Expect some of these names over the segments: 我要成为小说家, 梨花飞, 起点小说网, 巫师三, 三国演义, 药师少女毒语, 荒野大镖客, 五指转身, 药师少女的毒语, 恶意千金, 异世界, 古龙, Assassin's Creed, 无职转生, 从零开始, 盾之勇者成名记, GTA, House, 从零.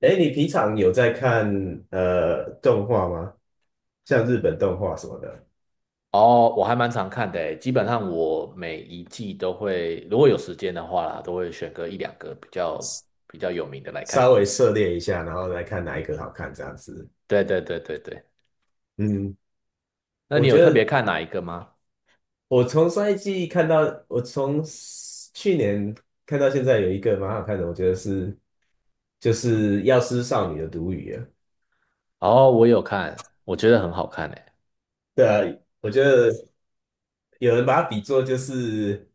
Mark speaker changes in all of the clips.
Speaker 1: 哎，你平常有在看动画吗？像日本动画什么的，
Speaker 2: 哦，我还蛮常看的诶，基本上我每一季都会，如果有时间的话啦，都会选个一两个比较有名的来看。
Speaker 1: 稍微涉猎一下，然后来看哪一个好看这样子。
Speaker 2: 对对对对对，
Speaker 1: 嗯，
Speaker 2: 那
Speaker 1: 我
Speaker 2: 你有
Speaker 1: 觉
Speaker 2: 特别
Speaker 1: 得
Speaker 2: 看哪一个吗？
Speaker 1: 我从上一季看到，我从去年看到现在有一个蛮好看的，我觉得是就是《药师少女的毒语》啊。
Speaker 2: 哦，我有看，我觉得很好看诶。
Speaker 1: 对啊，我觉得有人把它比作就是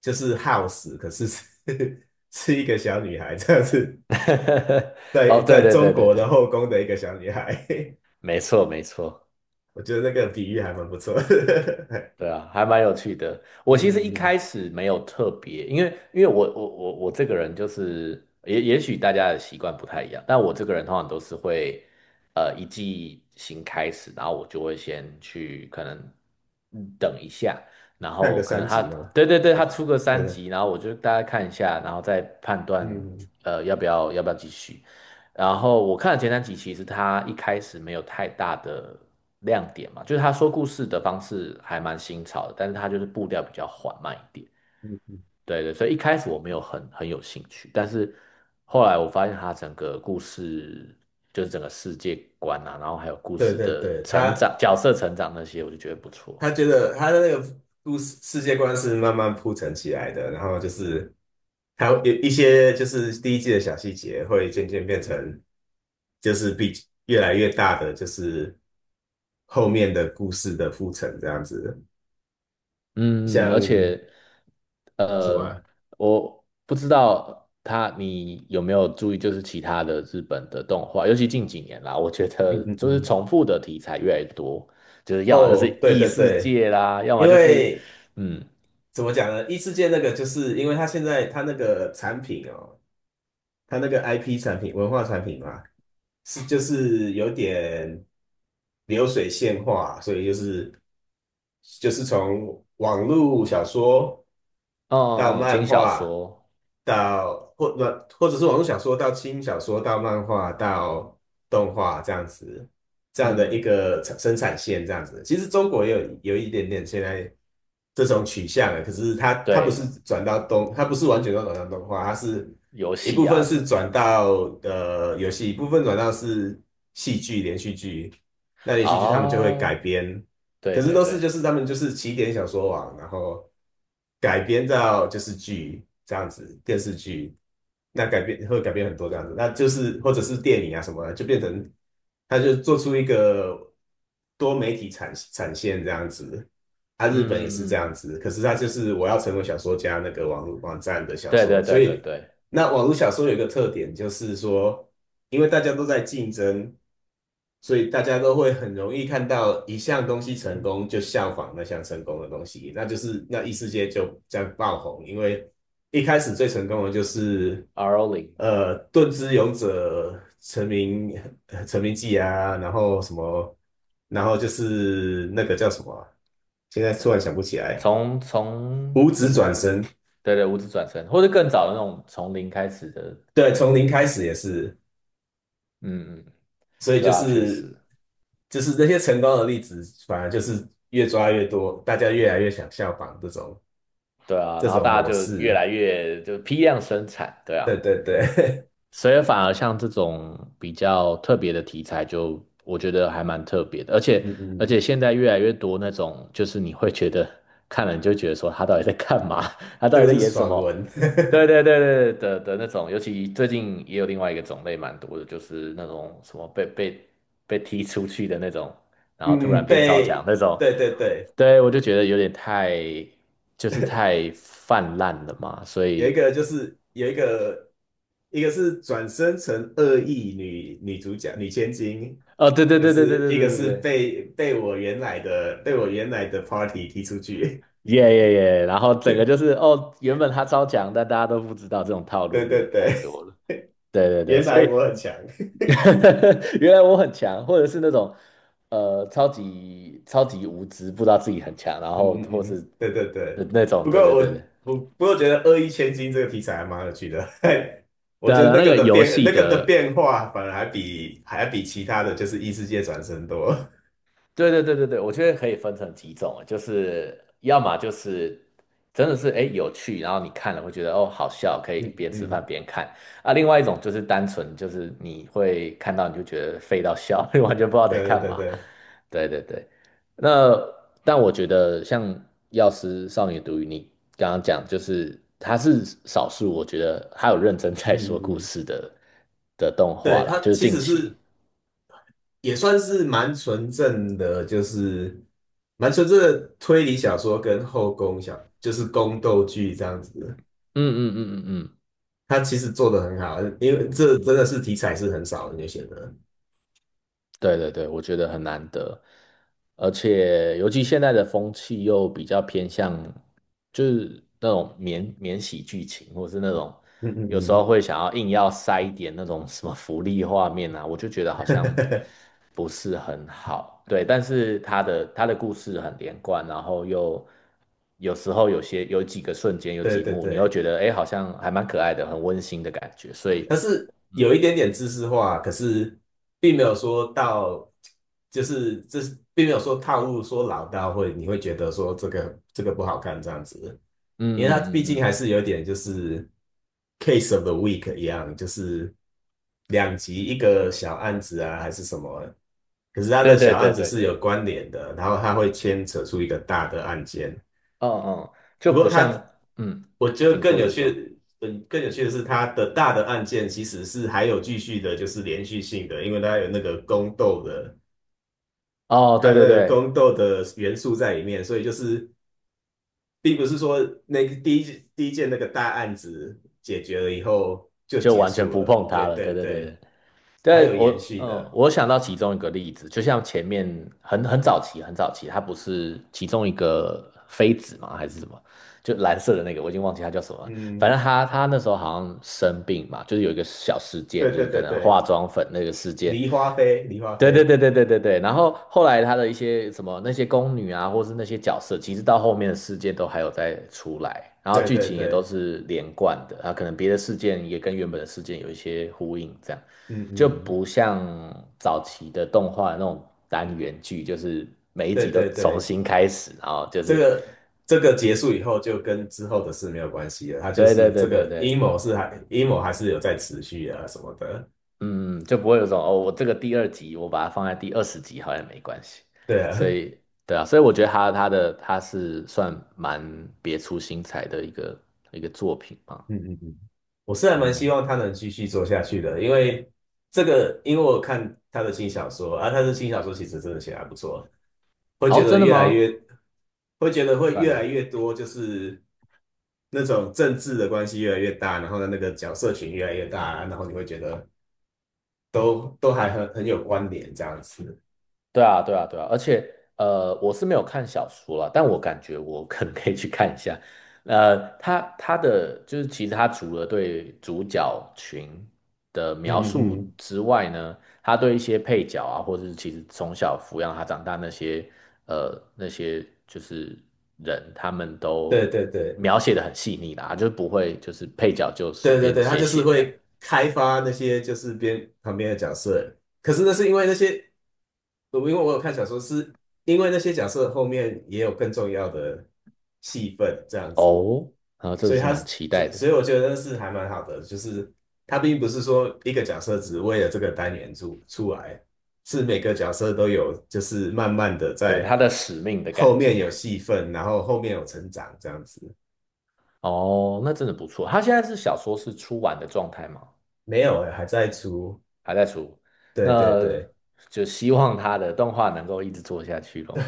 Speaker 1: House，可是是 是一个小女孩这样子，在
Speaker 2: 哦，对
Speaker 1: 在
Speaker 2: 对
Speaker 1: 中
Speaker 2: 对对
Speaker 1: 国的
Speaker 2: 对，
Speaker 1: 后宫的一个小女孩。
Speaker 2: 没错没错。
Speaker 1: 我觉得那个比喻还蛮不错的。
Speaker 2: 对啊，还蛮有趣的。我其实
Speaker 1: 嗯，
Speaker 2: 一
Speaker 1: 嗯
Speaker 2: 开始没有特别，因为我这个人就是也许大家的习惯不太一样，但我这个人通常都是会一季新开始，然后我就会先去可能等一下，然
Speaker 1: 看个
Speaker 2: 后可
Speaker 1: 三
Speaker 2: 能他，
Speaker 1: 集嘛，
Speaker 2: 对对对，
Speaker 1: 我
Speaker 2: 他出个
Speaker 1: 对
Speaker 2: 三
Speaker 1: 对，
Speaker 2: 集，然后我就大概看一下，然后再判断
Speaker 1: 嗯
Speaker 2: 要不要继续。然后我看了前3集，其实他一开始没有太大的亮点嘛，就是他说故事的方式还蛮新潮的，但是他就是步调比较缓慢一点。
Speaker 1: 嗯，
Speaker 2: 对对，所以一开始我没有很有兴趣，但是后来我发现他整个故事就是整个世界观啊，然后还有故
Speaker 1: 对
Speaker 2: 事
Speaker 1: 对
Speaker 2: 的
Speaker 1: 对，
Speaker 2: 成
Speaker 1: 他
Speaker 2: 长、角色成长那些，我就觉得不错。
Speaker 1: 他觉得他的那个故事世界观是慢慢铺陈起来的，然后就是他有一些就是第一季的小细节会渐渐变成就是比越来越大的就是后面的故事的铺陈这样子，
Speaker 2: 嗯，而
Speaker 1: 像
Speaker 2: 且
Speaker 1: 什么
Speaker 2: 呃，
Speaker 1: 啊
Speaker 2: 我不知道你有没有注意，就是其他的日本的动画，尤其近几年啦，我觉
Speaker 1: 嗯
Speaker 2: 得
Speaker 1: 嗯
Speaker 2: 就是
Speaker 1: 嗯，
Speaker 2: 重复的题材越来越多，就是要么就是
Speaker 1: 哦，对
Speaker 2: 异
Speaker 1: 对
Speaker 2: 世
Speaker 1: 对，
Speaker 2: 界啦，要么
Speaker 1: 因
Speaker 2: 就是
Speaker 1: 为。
Speaker 2: 嗯，
Speaker 1: 怎么讲呢？异世界那个就是因为他现在他那个产品哦，他那个 IP 产品、文化产品嘛，是就是有点流水线化，所以就是从网络小说
Speaker 2: 哦
Speaker 1: 到
Speaker 2: 哦，轻
Speaker 1: 漫
Speaker 2: 小
Speaker 1: 画，
Speaker 2: 说，
Speaker 1: 到或者是网络小说到轻小说到漫画到动画这样子，这样的
Speaker 2: 嗯，
Speaker 1: 一
Speaker 2: 嗯
Speaker 1: 个产生产线这样子。其实中国也有一点点现在这种取向了，可是它不
Speaker 2: 对，
Speaker 1: 是转到动，它不是完全都转到动画，它是。
Speaker 2: 游
Speaker 1: 一
Speaker 2: 戏
Speaker 1: 部分
Speaker 2: 啊什
Speaker 1: 是
Speaker 2: 么，
Speaker 1: 转到游戏，一部分转到是戏剧连续剧。那连续剧他们就会改
Speaker 2: 哦，
Speaker 1: 编，
Speaker 2: 对
Speaker 1: 可是
Speaker 2: 对
Speaker 1: 都是就
Speaker 2: 对，
Speaker 1: 是他们就是起点小说网，然后改编到就是剧这样子，电视剧。那改编会改编很多这样子，那就是或者是电影啊什么的，就变成他就做出一个多媒体产线这样子。啊，
Speaker 2: 嗯
Speaker 1: 日本也是这样
Speaker 2: 嗯嗯，
Speaker 1: 子，可是他就是我要成为小说家那个网站的小
Speaker 2: 对
Speaker 1: 说，
Speaker 2: 对
Speaker 1: 所
Speaker 2: 对对
Speaker 1: 以。
Speaker 2: 对
Speaker 1: 那网络小说有一个特点，就是说，因为大家都在竞争，所以大家都会很容易看到一项东西成功，就效仿那项成功的东西，那就是那异世界就这样爆红。因为一开始最成功的就是，
Speaker 2: r o
Speaker 1: 盾之勇者成名记啊，然后什么，然后就是那个叫什么啊现在突然想不起来，
Speaker 2: 从从
Speaker 1: 五指转
Speaker 2: 零，
Speaker 1: 身，
Speaker 2: 对对，无职转生，或者更早的那种从零开始的
Speaker 1: 对，
Speaker 2: 异
Speaker 1: 从
Speaker 2: 世
Speaker 1: 零
Speaker 2: 界
Speaker 1: 开
Speaker 2: 生
Speaker 1: 始
Speaker 2: 产。
Speaker 1: 也是。
Speaker 2: 嗯嗯，
Speaker 1: 所以
Speaker 2: 对
Speaker 1: 就
Speaker 2: 啊，确
Speaker 1: 是
Speaker 2: 实，
Speaker 1: 那些成功的例子，反而就是越抓越多，大家越来越想效仿这种
Speaker 2: 对啊，
Speaker 1: 这
Speaker 2: 然后
Speaker 1: 种
Speaker 2: 大家
Speaker 1: 模
Speaker 2: 就越
Speaker 1: 式。
Speaker 2: 来越就批量生产，对啊，
Speaker 1: 对对对，
Speaker 2: 所以反而像这种比较特别的题材就，我觉得还蛮特别的，而 且
Speaker 1: 嗯嗯，
Speaker 2: 现在越来越多那种，就是你会觉得看了你就觉得说他到底在干嘛，他 到
Speaker 1: 这个
Speaker 2: 底在
Speaker 1: 是
Speaker 2: 演什
Speaker 1: 爽
Speaker 2: 么？
Speaker 1: 文。
Speaker 2: 对 对对对的那种，尤其最近也有另外一个种类蛮多的，就是那种什么被踢出去的那种，然后突
Speaker 1: 嗯
Speaker 2: 然
Speaker 1: 嗯，
Speaker 2: 变超强
Speaker 1: 被
Speaker 2: 那种，
Speaker 1: 对对对，
Speaker 2: 对我就觉得有点太就是太泛滥了嘛，所
Speaker 1: 有一
Speaker 2: 以
Speaker 1: 个就是有一个一个是转生成恶意女主角女千金，
Speaker 2: 哦，对对
Speaker 1: 就
Speaker 2: 对对对
Speaker 1: 是
Speaker 2: 对
Speaker 1: 一
Speaker 2: 对
Speaker 1: 个
Speaker 2: 对
Speaker 1: 是
Speaker 2: 对。
Speaker 1: 被我原来的 party 踢出去。
Speaker 2: 耶耶耶！然后整个就是哦，原本他超强，但大家都不知道这种套 路
Speaker 1: 对
Speaker 2: 有
Speaker 1: 对
Speaker 2: 点太
Speaker 1: 对，
Speaker 2: 多了。对对对，
Speaker 1: 原
Speaker 2: 所
Speaker 1: 来
Speaker 2: 以
Speaker 1: 我很强。
Speaker 2: 原来我很强，或者是那种超级超级无知，不知道自己很强，然
Speaker 1: 嗯
Speaker 2: 后
Speaker 1: 嗯
Speaker 2: 或
Speaker 1: 嗯，
Speaker 2: 是
Speaker 1: 对对
Speaker 2: 那
Speaker 1: 对。
Speaker 2: 那种，
Speaker 1: 不过
Speaker 2: 对对
Speaker 1: 我
Speaker 2: 对对，
Speaker 1: 不不过觉得"恶意千金"这个题材还蛮有趣的，我
Speaker 2: 对啊，
Speaker 1: 觉得
Speaker 2: 对啊
Speaker 1: 那
Speaker 2: 那
Speaker 1: 个
Speaker 2: 个
Speaker 1: 的
Speaker 2: 游
Speaker 1: 变
Speaker 2: 戏
Speaker 1: 那个的
Speaker 2: 的
Speaker 1: 变化反而还比还比其他的就是异世界转生多。
Speaker 2: 对对对对对，我觉得可以分成几种啊，就是要么就是真的是哎有趣，然后你看了会觉得哦好笑，可以
Speaker 1: 嗯
Speaker 2: 边
Speaker 1: 嗯
Speaker 2: 吃饭
Speaker 1: 嗯
Speaker 2: 边看啊；另外一种就是单纯就是你会看到你就觉得废到笑，你完全不知道在
Speaker 1: 对
Speaker 2: 干
Speaker 1: 对对
Speaker 2: 嘛。
Speaker 1: 对，
Speaker 2: 对对对，那但我觉得像《药师少女毒语》，你刚刚讲就是它是少数，我觉得它有认真
Speaker 1: 嗯
Speaker 2: 在说故
Speaker 1: 嗯嗯，
Speaker 2: 事的动
Speaker 1: 对，
Speaker 2: 画啦，
Speaker 1: 它
Speaker 2: 就是
Speaker 1: 其
Speaker 2: 近
Speaker 1: 实
Speaker 2: 期。
Speaker 1: 是也算是蛮纯正的，就是蛮纯正的推理小说跟后宫小就是宫斗剧这样子，
Speaker 2: 嗯嗯嗯嗯嗯。
Speaker 1: 它其实做的很好，因为这真的是题材是很少人就写的。
Speaker 2: 对对对，我觉得很难得，而且尤其现在的风气又比较偏向，就是那种免洗剧情，或是那种
Speaker 1: 嗯
Speaker 2: 有时
Speaker 1: 嗯
Speaker 2: 候会想要硬要塞一点那种什么福利画面啊，我就觉得好像
Speaker 1: 嗯。
Speaker 2: 不是很好。对，但是他的故事很连贯，然后又有时候有几个瞬间有
Speaker 1: 对
Speaker 2: 几
Speaker 1: 对
Speaker 2: 幕，你又
Speaker 1: 对，
Speaker 2: 觉得哎，诶好像还蛮可爱的，很温馨的感觉，所以
Speaker 1: 它是有一点点知识化，可是并没有说到，就是这是并没有说套路说老到会你会觉得说这个这个不好看这样子，
Speaker 2: 嗯
Speaker 1: 因为它毕
Speaker 2: 嗯嗯，
Speaker 1: 竟
Speaker 2: 嗯
Speaker 1: 还是有点就是 case of the week 一样，就是两集一个小案子啊还是什么，可是它
Speaker 2: 对
Speaker 1: 的
Speaker 2: 对
Speaker 1: 小
Speaker 2: 对
Speaker 1: 案子
Speaker 2: 对
Speaker 1: 是有
Speaker 2: 对。
Speaker 1: 关联的，然后它会牵扯出一个大的案件，
Speaker 2: 嗯嗯，就
Speaker 1: 不过
Speaker 2: 不
Speaker 1: 他，
Speaker 2: 像，嗯，
Speaker 1: 我觉得
Speaker 2: 请
Speaker 1: 更
Speaker 2: 说，
Speaker 1: 有
Speaker 2: 请说。
Speaker 1: 趣，嗯，更有趣的是他的大的案件其实是还有继续的，就是连续性的，因为它有那个宫斗的，
Speaker 2: 哦，
Speaker 1: 还
Speaker 2: 对
Speaker 1: 有那
Speaker 2: 对
Speaker 1: 个
Speaker 2: 对，
Speaker 1: 宫斗的元素在里面，所以就是并不是说那个第一件那个大案子解决了以后就
Speaker 2: 就
Speaker 1: 结
Speaker 2: 完全
Speaker 1: 束
Speaker 2: 不
Speaker 1: 了，
Speaker 2: 碰它
Speaker 1: 对
Speaker 2: 了。对
Speaker 1: 对
Speaker 2: 对对
Speaker 1: 对，
Speaker 2: 对，
Speaker 1: 还
Speaker 2: 对，
Speaker 1: 有
Speaker 2: 我，
Speaker 1: 延续的，
Speaker 2: 我想到其中一个例子，就像前面很早期，很早期，它不是其中一个妃子嘛，还是什么？就蓝色的那个，我已经忘记它叫什么了。反正
Speaker 1: 嗯，
Speaker 2: 他那时候好像生病嘛，就是有一个小事件，
Speaker 1: 对
Speaker 2: 就
Speaker 1: 对
Speaker 2: 是可
Speaker 1: 对
Speaker 2: 能化
Speaker 1: 对，
Speaker 2: 妆粉那个事件。
Speaker 1: 梨花飞，梨花
Speaker 2: 对对
Speaker 1: 飞，
Speaker 2: 对对对对对。然后后来他的一些什么那些宫女啊，或是那些角色，其实到后面的事件都还有再出来，然后
Speaker 1: 对
Speaker 2: 剧
Speaker 1: 对
Speaker 2: 情也都
Speaker 1: 对，
Speaker 2: 是连贯的啊，可能别的事件也跟原本的事件有一些呼应，这样。
Speaker 1: 嗯
Speaker 2: 就
Speaker 1: 嗯，
Speaker 2: 不像早期的动画那种单元剧，就是每一
Speaker 1: 对
Speaker 2: 集都
Speaker 1: 对
Speaker 2: 重
Speaker 1: 对。
Speaker 2: 新开始，然后就
Speaker 1: 这
Speaker 2: 是，
Speaker 1: 个这个结束以后，就跟之后的事没有关系了。他就
Speaker 2: 对对
Speaker 1: 是这
Speaker 2: 对对
Speaker 1: 个阴
Speaker 2: 对，
Speaker 1: 谋是还阴谋还是有在持续啊什么的。
Speaker 2: 嗯，就不会有种哦，我这个第2集我把它放在第20集好像也没关系，
Speaker 1: 对啊，
Speaker 2: 所以对啊，所以我觉得他它的它是算蛮别出心裁的一个作品嘛，
Speaker 1: 嗯嗯嗯，我是还蛮希
Speaker 2: 嗯，
Speaker 1: 望他能继续做下去的，因为这个，因为我看他的新小说啊，他的新小说其实真的写得还不错，会
Speaker 2: 哦，
Speaker 1: 觉得
Speaker 2: 真的
Speaker 1: 越来
Speaker 2: 吗？
Speaker 1: 越会觉得会
Speaker 2: 算
Speaker 1: 越来
Speaker 2: 哦。
Speaker 1: 越多，就是那种政治的关系越来越大，然后呢那个角色群越来越大，然后你会觉得都还很有关联这样子。
Speaker 2: 对啊，对啊，对啊，而且我是没有看小说了，但我感觉我可能可以去看一下。他的就是其实他除了对主角群的描
Speaker 1: 嗯嗯
Speaker 2: 述
Speaker 1: 嗯。
Speaker 2: 之外呢，他对一些配角啊，或者是其实从小抚养他长大那些就是人，他们都
Speaker 1: 对对对
Speaker 2: 描写的很细腻啦，就是不会就是配角就随
Speaker 1: 对对
Speaker 2: 便
Speaker 1: 对，他
Speaker 2: 写
Speaker 1: 就是
Speaker 2: 写这样。
Speaker 1: 会开发那些就是边旁边的角色，可是那是因为那些，我因为我有看小说，是因为那些角色后面也有更重要的戏份这样子，
Speaker 2: 哦，啊，这个
Speaker 1: 所以
Speaker 2: 是
Speaker 1: 他
Speaker 2: 蛮
Speaker 1: 是，
Speaker 2: 期待
Speaker 1: 所所以
Speaker 2: 的，
Speaker 1: 我觉得那是还蛮好的，就是他并不是说一个角色只为了这个单元出来，是每个角色都有，就是慢慢的
Speaker 2: 对他
Speaker 1: 在
Speaker 2: 的使命的感
Speaker 1: 后面
Speaker 2: 觉。
Speaker 1: 有戏份，然后后面有成长这样子，
Speaker 2: 哦，那真的不错。他现在是小说是出完的状态吗？
Speaker 1: 没有欸，还在出。
Speaker 2: 还在出，
Speaker 1: 对对
Speaker 2: 那
Speaker 1: 对，
Speaker 2: 就希望他的动画能够一直做下去咯。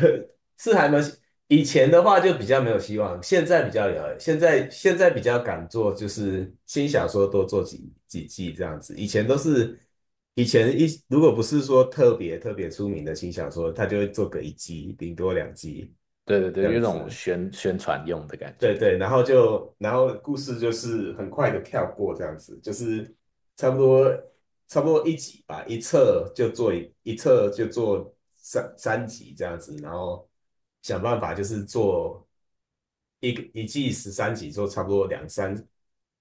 Speaker 1: 是还没有。以前的话就比较没有希望，现在比较有，现在现在比较敢做，就是新小说多做几季这样子。以前都是以前一如果不是说特别特别出名的新小说，他就会做个一季，顶多两季
Speaker 2: 对对
Speaker 1: 这
Speaker 2: 对，有
Speaker 1: 样
Speaker 2: 一种
Speaker 1: 子。
Speaker 2: 宣传用的感觉。
Speaker 1: 对对，然后就然后故事就是很快的跳过这样子，就是差不多差不多一集吧，一册就做一册就做三集这样子，然后想办法就是做一个一季十三集，做差不多两三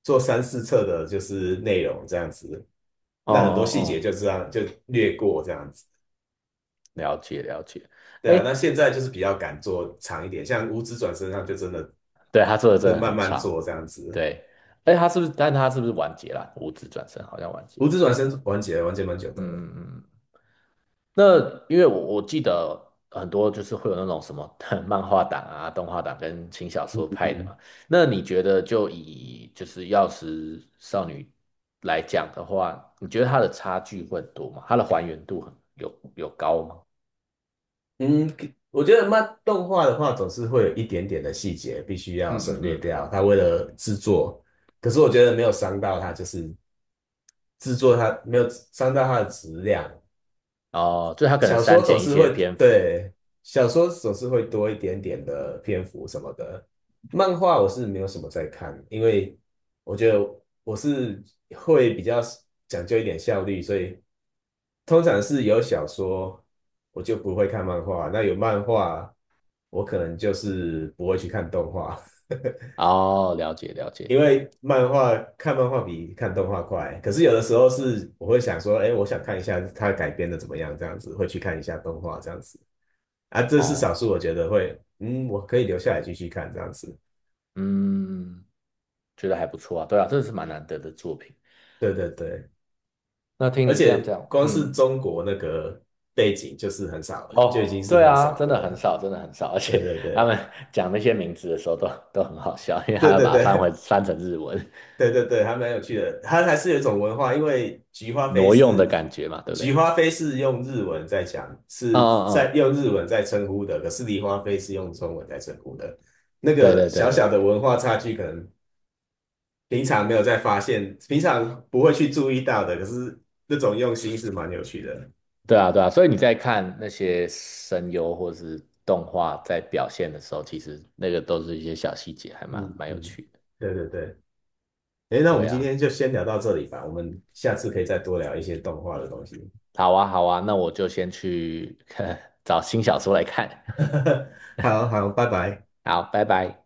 Speaker 1: 做三四册的就是内容这样子，
Speaker 2: 哦
Speaker 1: 那很多
Speaker 2: 哦
Speaker 1: 细节
Speaker 2: 哦，
Speaker 1: 就这样就略过这样子，
Speaker 2: 了解了解。
Speaker 1: 对啊，
Speaker 2: 哎，
Speaker 1: 那现在就是比较敢做长一点，像《五职转身》上就真的
Speaker 2: 对，他做的真
Speaker 1: 就
Speaker 2: 的
Speaker 1: 慢
Speaker 2: 很
Speaker 1: 慢
Speaker 2: 长。
Speaker 1: 做这样子。
Speaker 2: 对，哎，他是不是？但他是不是完结了？五指转身好像完结。
Speaker 1: 胡子转身完结蛮久的
Speaker 2: 嗯
Speaker 1: 了。
Speaker 2: 嗯嗯。那因为我记得很多就是会有那种什么 漫画党啊、动画党跟轻小说派的
Speaker 1: 嗯，
Speaker 2: 嘛。那你觉得就是《药师少女》来讲的话，你觉得它的差距会很多吗？它的还原度很有高吗？
Speaker 1: 嗯，我觉得漫动画的话，总是会有一点点的细节必须要
Speaker 2: 嗯
Speaker 1: 省
Speaker 2: 嗯
Speaker 1: 略
Speaker 2: 嗯。
Speaker 1: 掉。他为了制作，可是我觉得没有伤到他，就是制作他没有伤到他的质量。
Speaker 2: 哦，就它可能
Speaker 1: 小说
Speaker 2: 删
Speaker 1: 总
Speaker 2: 减一
Speaker 1: 是
Speaker 2: 些
Speaker 1: 会，
Speaker 2: 篇幅。
Speaker 1: 对，小说总是会多一点点的篇幅什么的。漫画我是没有什么在看，因为我觉得我是会比较讲究一点效率，所以通常是有小说我就不会看漫画，那有漫画我可能就是不会去看动画，
Speaker 2: 哦，了解了解。
Speaker 1: 因为漫画看漫画比看动画快。可是有的时候是我会想说，哎，我想看一下它改编的怎么样，这样子会去看一下动画这样子。啊，这是少
Speaker 2: 哦，
Speaker 1: 数我觉得会，嗯，我可以留下来继续看这样子。
Speaker 2: 嗯，觉得还不错啊。对啊，这是蛮难得的作品。
Speaker 1: 对对对，
Speaker 2: 那听
Speaker 1: 而
Speaker 2: 你这样
Speaker 1: 且
Speaker 2: 讲，
Speaker 1: 光是
Speaker 2: 嗯。
Speaker 1: 中国那个背景就是很少了，就
Speaker 2: 哦，
Speaker 1: 已经是
Speaker 2: 对
Speaker 1: 很
Speaker 2: 啊，
Speaker 1: 少
Speaker 2: 真
Speaker 1: 的
Speaker 2: 的很
Speaker 1: 了。
Speaker 2: 少，真的很少，而
Speaker 1: 对
Speaker 2: 且
Speaker 1: 对
Speaker 2: 他
Speaker 1: 对
Speaker 2: 们讲那些名字的时候都很好笑，因为他
Speaker 1: 对
Speaker 2: 要
Speaker 1: 对
Speaker 2: 把它
Speaker 1: 对
Speaker 2: 翻成日文，
Speaker 1: 对对对，还蛮有趣的。它还是有一种文化，因为菊花飞
Speaker 2: 挪用的
Speaker 1: 是
Speaker 2: 感觉嘛，对不对？
Speaker 1: 用日文在讲，
Speaker 2: 嗯
Speaker 1: 是
Speaker 2: 嗯
Speaker 1: 在
Speaker 2: 嗯，
Speaker 1: 用日文在称呼的，可是梨花飞是用中文在称呼的。那
Speaker 2: 对
Speaker 1: 个
Speaker 2: 对对
Speaker 1: 小
Speaker 2: 对
Speaker 1: 小
Speaker 2: 对，
Speaker 1: 的文化差距，可能平常没有再发现，平常不会去注意到的，可是那种用心是蛮有趣的。
Speaker 2: 对啊对啊，所以你在看那些声优或是动画在表现的时候，其实那个都是一些小细节，还
Speaker 1: 嗯
Speaker 2: 蛮有
Speaker 1: 嗯，
Speaker 2: 趣的。
Speaker 1: 对对对。诶，那我们
Speaker 2: 对
Speaker 1: 今
Speaker 2: 啊，
Speaker 1: 天就先聊到这里吧，我们下次可以再多聊一些动画的东西。
Speaker 2: 好啊好啊，那我就先去 找新小说来看，
Speaker 1: 好好，拜拜。
Speaker 2: 好，拜拜。